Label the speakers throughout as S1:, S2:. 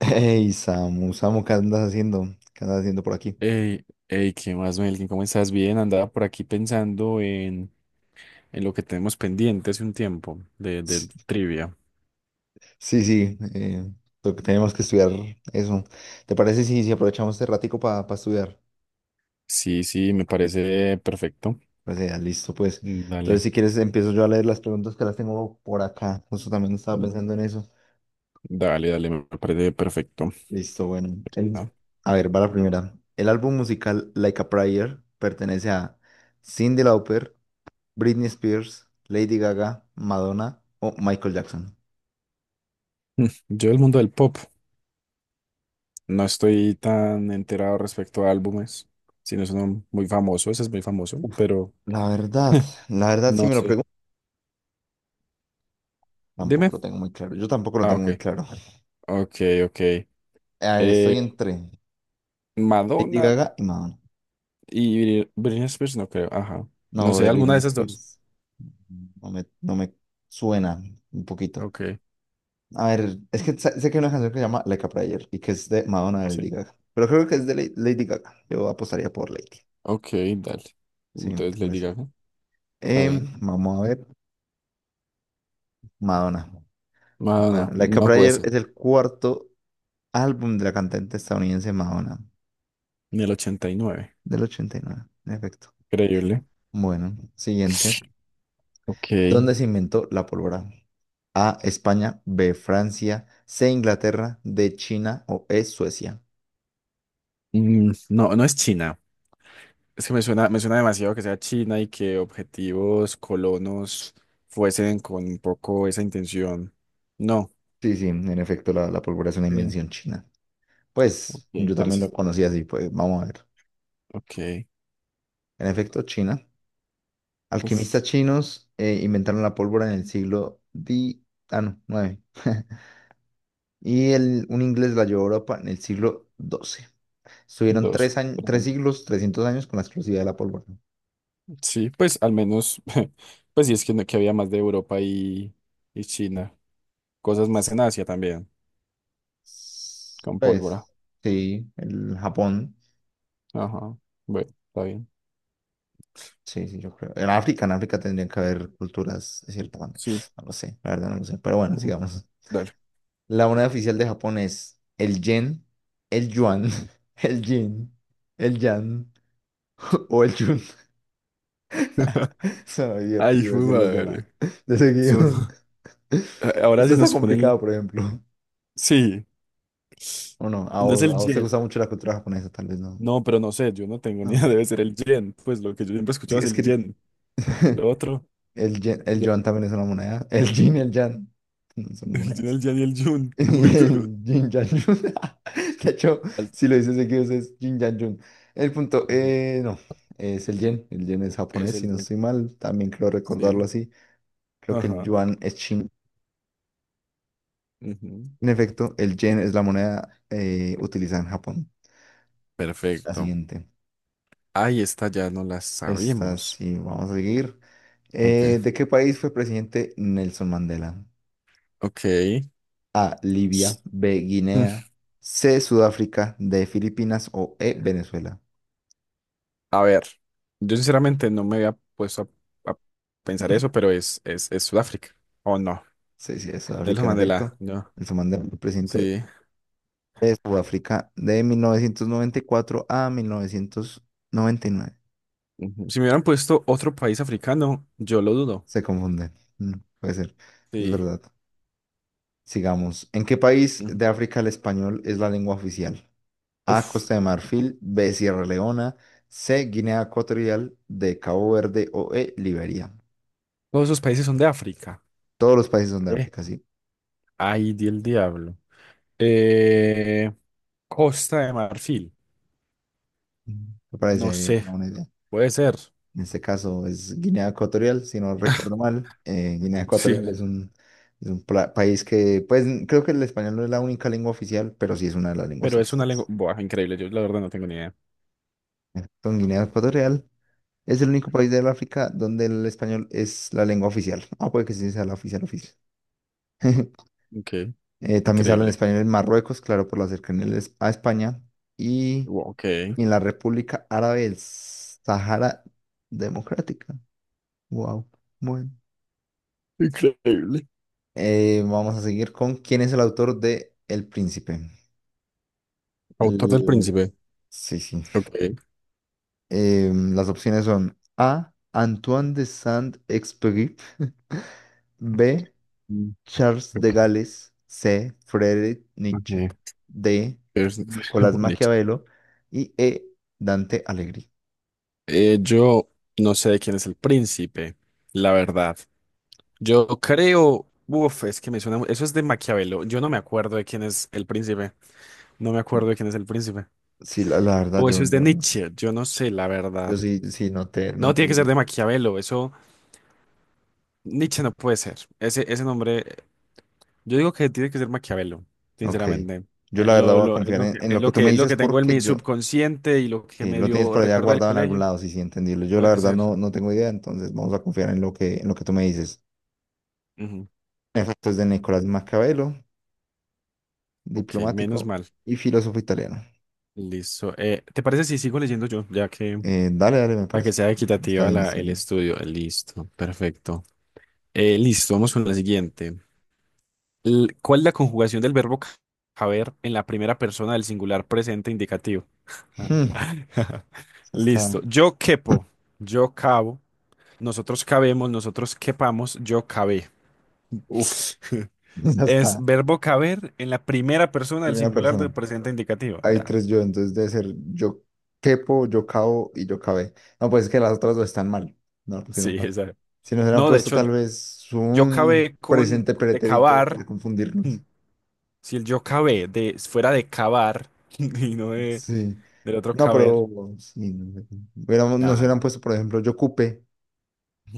S1: Hey, Samu, Samu, ¿qué andas haciendo? ¿Qué andas haciendo por aquí?
S2: Hey, hey, ¿qué más, Melkin? ¿Cómo estás? Bien, andaba por aquí pensando en lo que tenemos pendiente hace un tiempo de trivia.
S1: Sí, sí, lo que tenemos que estudiar eso. ¿Te parece si aprovechamos este ratico para estudiar?
S2: Sí, sí, me parece perfecto.
S1: Pues ya, listo, pues.
S2: Mm,
S1: Entonces,
S2: dale,
S1: si quieres, empiezo yo a leer las preguntas que las tengo por acá. Justo también estaba pensando en eso.
S2: dale, me parece perfecto.
S1: Listo, bueno.
S2: Ah,
S1: A ver, va la primera. El álbum musical Like a Prayer pertenece a Cyndi Lauper, Britney Spears, Lady Gaga, Madonna o Michael Jackson.
S2: yo del mundo del pop no estoy tan enterado respecto a álbumes, sino es uno muy famoso, ese es muy famoso,
S1: Uf,
S2: pero
S1: la verdad, la verdad si
S2: no
S1: me lo
S2: sé.
S1: pregunto, tampoco
S2: Dime.
S1: lo tengo muy claro. Yo tampoco lo
S2: Ah,
S1: tengo
S2: ok,
S1: muy claro.
S2: ok, ok.
S1: A ver, estoy
S2: Eh,
S1: entre Lady
S2: Madonna.
S1: Gaga y Madonna.
S2: Y Britney Spears, no creo. Ajá. No
S1: No,
S2: sé, alguna de
S1: Britney
S2: esas dos.
S1: Spears. No me suena un poquito.
S2: Ok.
S1: A ver, es que sé que hay una canción que se llama Like a Prayer y que es de Madonna de Lady
S2: Sí.
S1: Gaga. Pero creo que es de Lady Gaga. Yo apostaría por Lady.
S2: Ok, dale.
S1: Sí, ¿te
S2: Entonces le
S1: parece?
S2: Gaga. Está bien.
S1: Vamos a ver. Madonna. Bueno,
S2: Madonna,
S1: Like
S2: no,
S1: a
S2: no puede
S1: Prayer
S2: ser.
S1: es el cuarto álbum de la cantante estadounidense Madonna
S2: Ni el 89.
S1: del 89, en efecto.
S2: Increíble.
S1: Bueno, siguiente.
S2: Ok.
S1: ¿Dónde se inventó la pólvora? A, España; B, Francia; C, Inglaterra; D, China; o E, Suecia.
S2: Mm, no, no es China. Es que me suena demasiado que sea China y que objetivos colonos fuesen con un poco esa intención. No.
S1: Sí, sí, en efecto, la pólvora es una
S2: Sí.
S1: invención china.
S2: Ok,
S1: Pues yo también lo
S2: interesante.
S1: conocía así, pues vamos a ver.
S2: Ok.
S1: En efecto, China.
S2: Uf,
S1: Alquimistas chinos inventaron la pólvora en el siglo ah, no, nueve. Y un inglés la llevó a Europa en el siglo 12. Estuvieron
S2: dos.
S1: tres, años, tres siglos, 300 años con la exclusividad de la pólvora.
S2: Sí, pues al menos, pues sí es que, que había más de Europa y China. Cosas más en Asia también, con pólvora.
S1: Pues, sí, el Japón.
S2: Ajá. Bueno, está bien.
S1: Sí, sí, yo creo. En África tendrían que haber culturas de cierta manera.
S2: Sí.
S1: No lo sé, la verdad no lo sé. Pero bueno,
S2: Ujú.
S1: sigamos.
S2: Dale.
S1: La moneda oficial de Japón es el yen, el yuan, el yin, el yan o el yun. Suena
S2: Ay,
S1: divertido
S2: hijo de
S1: decir los de la.
S2: madre.
S1: De
S2: Son-
S1: seguido.
S2: ahora
S1: Esto
S2: sí
S1: está
S2: nos ponen.
S1: complicado, por ejemplo.
S2: Sí,
S1: O no,
S2: no es el
S1: a vos te
S2: yen.
S1: gusta mucho la cultura japonesa, tal vez no.
S2: No, pero no sé, yo no tengo ni
S1: No.
S2: idea. Debe ser el yen. Pues lo que yo siempre escuchaba es
S1: Es que es
S2: el
S1: que
S2: yen. Lo otro.
S1: el el
S2: Ya.
S1: yuan también es una moneda. El yin y el yang no son monedas.
S2: El yen y el yun. Muy duro.
S1: El yin yang yun. De hecho,
S2: Al-
S1: si lo dices seguido es yin yang yun. El punto,
S2: Ajá.
S1: no, es el yen. El yen es
S2: Es
S1: japonés, si
S2: el
S1: no
S2: yen.
S1: estoy mal. También creo recordarlo
S2: Sí.
S1: así. Creo que el
S2: Ajá.
S1: yuan es chino.
S2: Ujú.
S1: En efecto, el yen es la moneda utilizada en Japón. La
S2: Perfecto.
S1: siguiente.
S2: Ahí esta ya no la
S1: Esta
S2: sabíamos.
S1: sí, vamos a seguir.
S2: Ok,
S1: ¿De qué país fue presidente Nelson Mandela?
S2: ok.
S1: A, Libia; B,
S2: Mm,
S1: Guinea; C, Sudáfrica; D, Filipinas; o E, Venezuela.
S2: a ver, yo sinceramente no me había puesto a pensar eso, pero es, es Sudáfrica. ¿O no?
S1: Sí, sí, es
S2: Nelson
S1: Sudáfrica, en
S2: Mandela,
S1: efecto.
S2: no.
S1: El Somanda el presidente
S2: Sí.
S1: de Sudáfrica de 1994 a 1999.
S2: Ujú. Si me hubieran puesto otro país africano, yo lo dudo.
S1: Se confunde. Mm, puede ser. Es
S2: Sí.
S1: verdad. Sigamos. ¿En qué país
S2: Ujú.
S1: de África el español es la lengua oficial? A,
S2: Uf,
S1: Costa de Marfil; B, Sierra Leona; C, Guinea Ecuatorial; D, Cabo Verde; o E, Liberia.
S2: todos esos países son de África.
S1: Todos los países son de
S2: Eh.
S1: África, sí.
S2: Ay, di el diablo. Eh, Costa de Marfil.
S1: Me
S2: No
S1: parece
S2: sé,
S1: una buena idea.
S2: puede ser.
S1: En este caso es Guinea Ecuatorial, si no recuerdo mal. Guinea
S2: Sí,
S1: Ecuatorial es es un país que, pues creo que el español no es la única lengua oficial, pero sí es una de las lenguas
S2: pero es una lengua.
S1: oficiales.
S2: Buah, increíble. Yo la verdad no tengo ni idea.
S1: Con Guinea Ecuatorial es el único país del África donde el español es la lengua oficial. Ah, puede que sí sea la oficial oficial.
S2: Ok.
S1: También se habla en
S2: Increíble.
S1: español en Marruecos, claro, por la cercanía de a España. Y,
S2: Wow, ok.
S1: y en la República Árabe del Sahara Democrática. Wow.
S2: Increíble.
S1: Vamos a seguir con quién es el autor de El Príncipe.
S2: Autor del
S1: L-
S2: Príncipe.
S1: sí, sí.
S2: Ok.
S1: Las opciones son A, Antoine de Saint-Exupéry; B,
S2: Mm,
S1: Charles de
S2: ok,
S1: Gales; C, Friedrich Nietzsche;
S2: ok.
S1: D,
S2: Es-
S1: Nicolás
S2: Nietzsche.
S1: Maquiavelo; y E, Dante Alighieri.
S2: Yo no sé de quién es el príncipe, la verdad. Yo creo, uf, es que me suena, eso es de Maquiavelo. Yo no me acuerdo de quién es el príncipe. No me acuerdo de quién es el príncipe.
S1: Sí, la verdad,
S2: O eso
S1: yo,
S2: es de
S1: yo no sé.
S2: Nietzsche. Yo no sé, la
S1: Yo
S2: verdad.
S1: sí, sí, no te, no
S2: No,
S1: te
S2: tiene que
S1: digo.
S2: ser de Maquiavelo. Eso, Nietzsche no puede ser. Ese nombre. Yo digo que tiene que ser Maquiavelo,
S1: Ok.
S2: sinceramente.
S1: Yo la verdad voy a
S2: Es
S1: confiar
S2: lo que,
S1: en
S2: es
S1: lo
S2: lo
S1: que tú me
S2: que, lo
S1: dices
S2: que tengo en mi
S1: porque yo.
S2: subconsciente y lo que
S1: Sí, lo tienes
S2: medio
S1: por allá
S2: recuerdo del
S1: guardado en algún
S2: colegio.
S1: lado, sí, sí, entendido. Yo la
S2: Puede
S1: verdad
S2: ser.
S1: no, no tengo idea, entonces vamos a confiar en lo que tú me dices.
S2: Ujú.
S1: Efectos de Nicolás Maquiavelo,
S2: Ok, menos
S1: diplomático
S2: mal.
S1: y filósofo italiano.
S2: Listo. ¿Te parece si sigo leyendo yo? Ya que,
S1: Dale, dale, me
S2: para que
S1: parece.
S2: sea
S1: Está
S2: equitativa
S1: bien, está
S2: el
S1: bien.
S2: estudio. Listo, perfecto. Listo, vamos con la siguiente. ¿Cuál es la conjugación del verbo caber en la primera persona del singular presente indicativo? Ah.
S1: Hmm, esa está.
S2: Listo. Yo quepo, yo cabo. Nosotros cabemos, nosotros quepamos, yo cabé.
S1: Uf, esa
S2: Es
S1: está.
S2: verbo caber en la primera persona del
S1: Primera
S2: singular
S1: persona.
S2: del presente indicativo.
S1: Hay
S2: Ya.
S1: tres yo, entonces debe ser yo quepo, yo cabo y yo cabe. No, pues es que las otras dos están mal. No, si no
S2: Sí,
S1: pasa.
S2: esa.
S1: Si nos hubieran
S2: No, de
S1: puesto
S2: hecho,
S1: tal vez
S2: yo
S1: un
S2: cabé con
S1: presente
S2: de
S1: pretérito
S2: cavar.
S1: para
S2: Hmm,
S1: confundirnos.
S2: si el yo cabé de fuera de cavar y no de
S1: Sí.
S2: del otro
S1: No,
S2: caber.
S1: pero sí, no sé. Nos
S2: Ajá.
S1: hubieran puesto, por ejemplo, yo ocupé,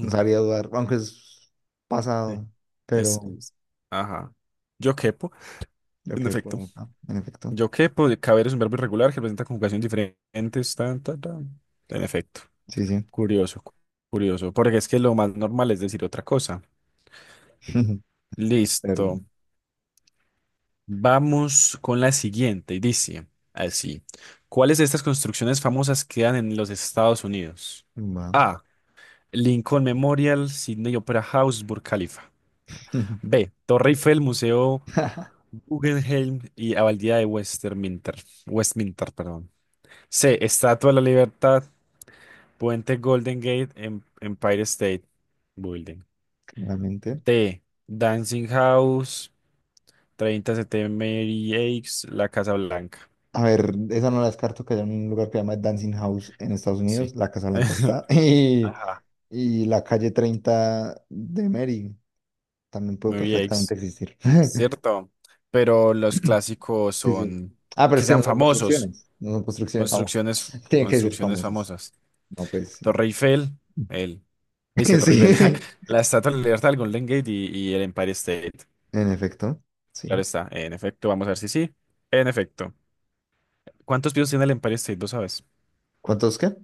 S1: nos haría dudar, aunque es
S2: sí.
S1: pasado,
S2: Es,
S1: pero
S2: es- ajá. Yo quepo.
S1: yo
S2: En
S1: qué
S2: efecto.
S1: puedo, ah, en efecto.
S2: Yo quepo, de caber es un verbo irregular que presenta conjugaciones diferentes. Tan, tan, tan. En efecto.
S1: Sí, sí.
S2: Curioso, curioso, porque es que lo más normal es decir otra cosa. Listo.
S1: Perdón.
S2: Vamos con la siguiente. Y dice así. ¿Cuáles de estas construcciones famosas quedan en los Estados Unidos?
S1: Va.
S2: A. Lincoln Memorial, Sydney Opera House, Burj Khalifa. B. Torre Eiffel, Museo Guggenheim y Abadía de Westminster. Westminster, perdón. C. Estatua de la Libertad, Puente Golden Gate, Empire State Building.
S1: Claramente.
S2: D. Dancing House, 30 Mary X, La Casa Blanca.
S1: A ver, esa no la descarto, que haya un lugar que se llama Dancing House en Estados
S2: Sí.
S1: Unidos, la Casa Blanca está,
S2: Ajá.
S1: y la calle 30 de Mary también puede
S2: Mary
S1: perfectamente
S2: X.
S1: existir.
S2: Cierto. Pero los clásicos
S1: Sí, sí.
S2: son
S1: Ah, pero
S2: que
S1: es que
S2: sean
S1: no son
S2: famosos.
S1: construcciones, no son construcciones famosas.
S2: Construcciones,
S1: Tienen que ser
S2: construcciones
S1: famosas.
S2: famosas.
S1: No, pues sí.
S2: Torre Eiffel, el. ¿Veis que Torre Eiffel?
S1: Sí,
S2: La Estatua de la Libertad, el Golden Gate y el Empire State.
S1: en efecto, sí.
S2: Claro está. En efecto, vamos a ver si sí. En efecto. ¿Cuántos pisos tiene el Empire State? ¿Lo sabes?
S1: ¿Cuántos qué?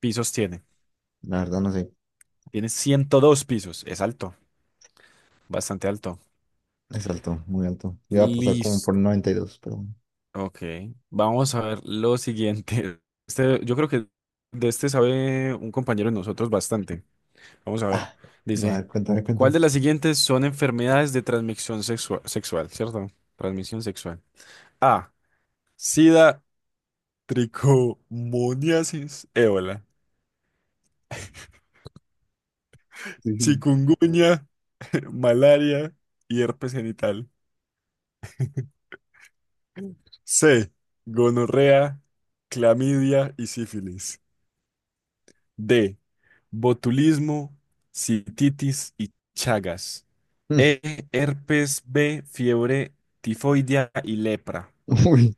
S2: Pisos tiene.
S1: La verdad no sé.
S2: Tiene 102 pisos. Es alto. Bastante alto.
S1: Es alto, muy alto. Iba a pasar como por
S2: Listo.
S1: 92, pero bueno.
S2: Ok. Vamos a ver lo siguiente. Este, yo creo que de este sabe un compañero de nosotros bastante. Vamos a ver.
S1: Ah, va, a
S2: Dice,
S1: ver, cuéntame,
S2: ¿cuál
S1: cuéntame.
S2: de las siguientes son enfermedades de transmisión sexual? ¿Cierto? Transmisión sexual. A. SIDA, tricomoniasis, ébola,
S1: Sí, sí.
S2: chikungunya, malaria y herpes genital. C. Gonorrea, clamidia y sífilis. D. Botulismo, cititis y chagas. E. Herpes B. Fiebre tifoidea y lepra.
S1: Uy.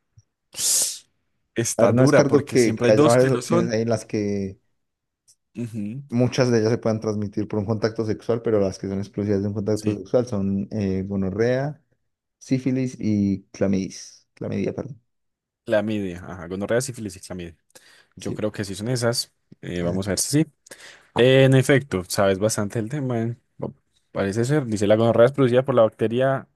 S1: A
S2: Está
S1: ver, no
S2: dura
S1: descarto
S2: porque siempre
S1: que
S2: hay
S1: haya
S2: dos que
S1: varias
S2: lo
S1: opciones
S2: son.
S1: ahí en las que
S2: Ujú,
S1: muchas de ellas se puedan transmitir por un contacto sexual, pero las que son exclusivas de un contacto
S2: sí,
S1: sexual son gonorrea, sífilis y clamidia. Clamidia, perdón.
S2: clamidia. Ajá, gonorrea, sífilis y clamidia. Yo
S1: Sí,
S2: creo que sí son esas. Vamos a
S1: eh,
S2: ver si sí. En efecto, sabes bastante el tema. Eh. Parece ser. Dice, la gonorrea es producida por la bacteria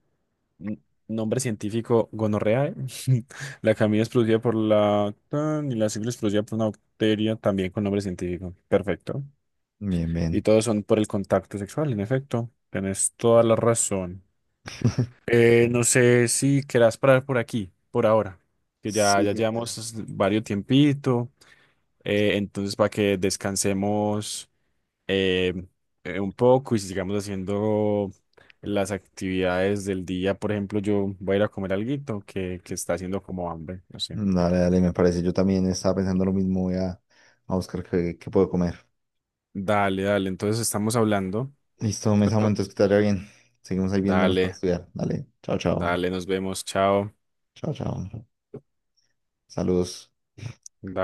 S2: N- nombre científico, gonorrea. La camilla es producida por la tan, y la sífilis es producida por una bacteria también con nombre científico. Perfecto.
S1: bien,
S2: Y
S1: bien.
S2: todos son por el contacto sexual, en efecto. Tienes toda la razón. No sé si querás parar por aquí, por ahora, que ya,
S1: Sí,
S2: ya
S1: genial.
S2: llevamos varios tiempito. Eh, entonces, para que descansemos eh, un poco y si sigamos haciendo las actividades del día. Por ejemplo, yo voy a ir a comer alguito que está haciendo como hambre, no sé.
S1: Dale, dale, me parece. Yo también estaba pensando lo mismo. Voy a buscar qué, qué puedo comer.
S2: Dale, dale, entonces estamos hablando,
S1: Listo, me ese
S2: ¿cierto?
S1: entonces que te vaya bien. Seguimos ahí viéndonos para
S2: Dale,
S1: estudiar. Dale, chao, chao.
S2: dale, nos vemos, chao.
S1: Chao, chao. Saludos.
S2: Dale.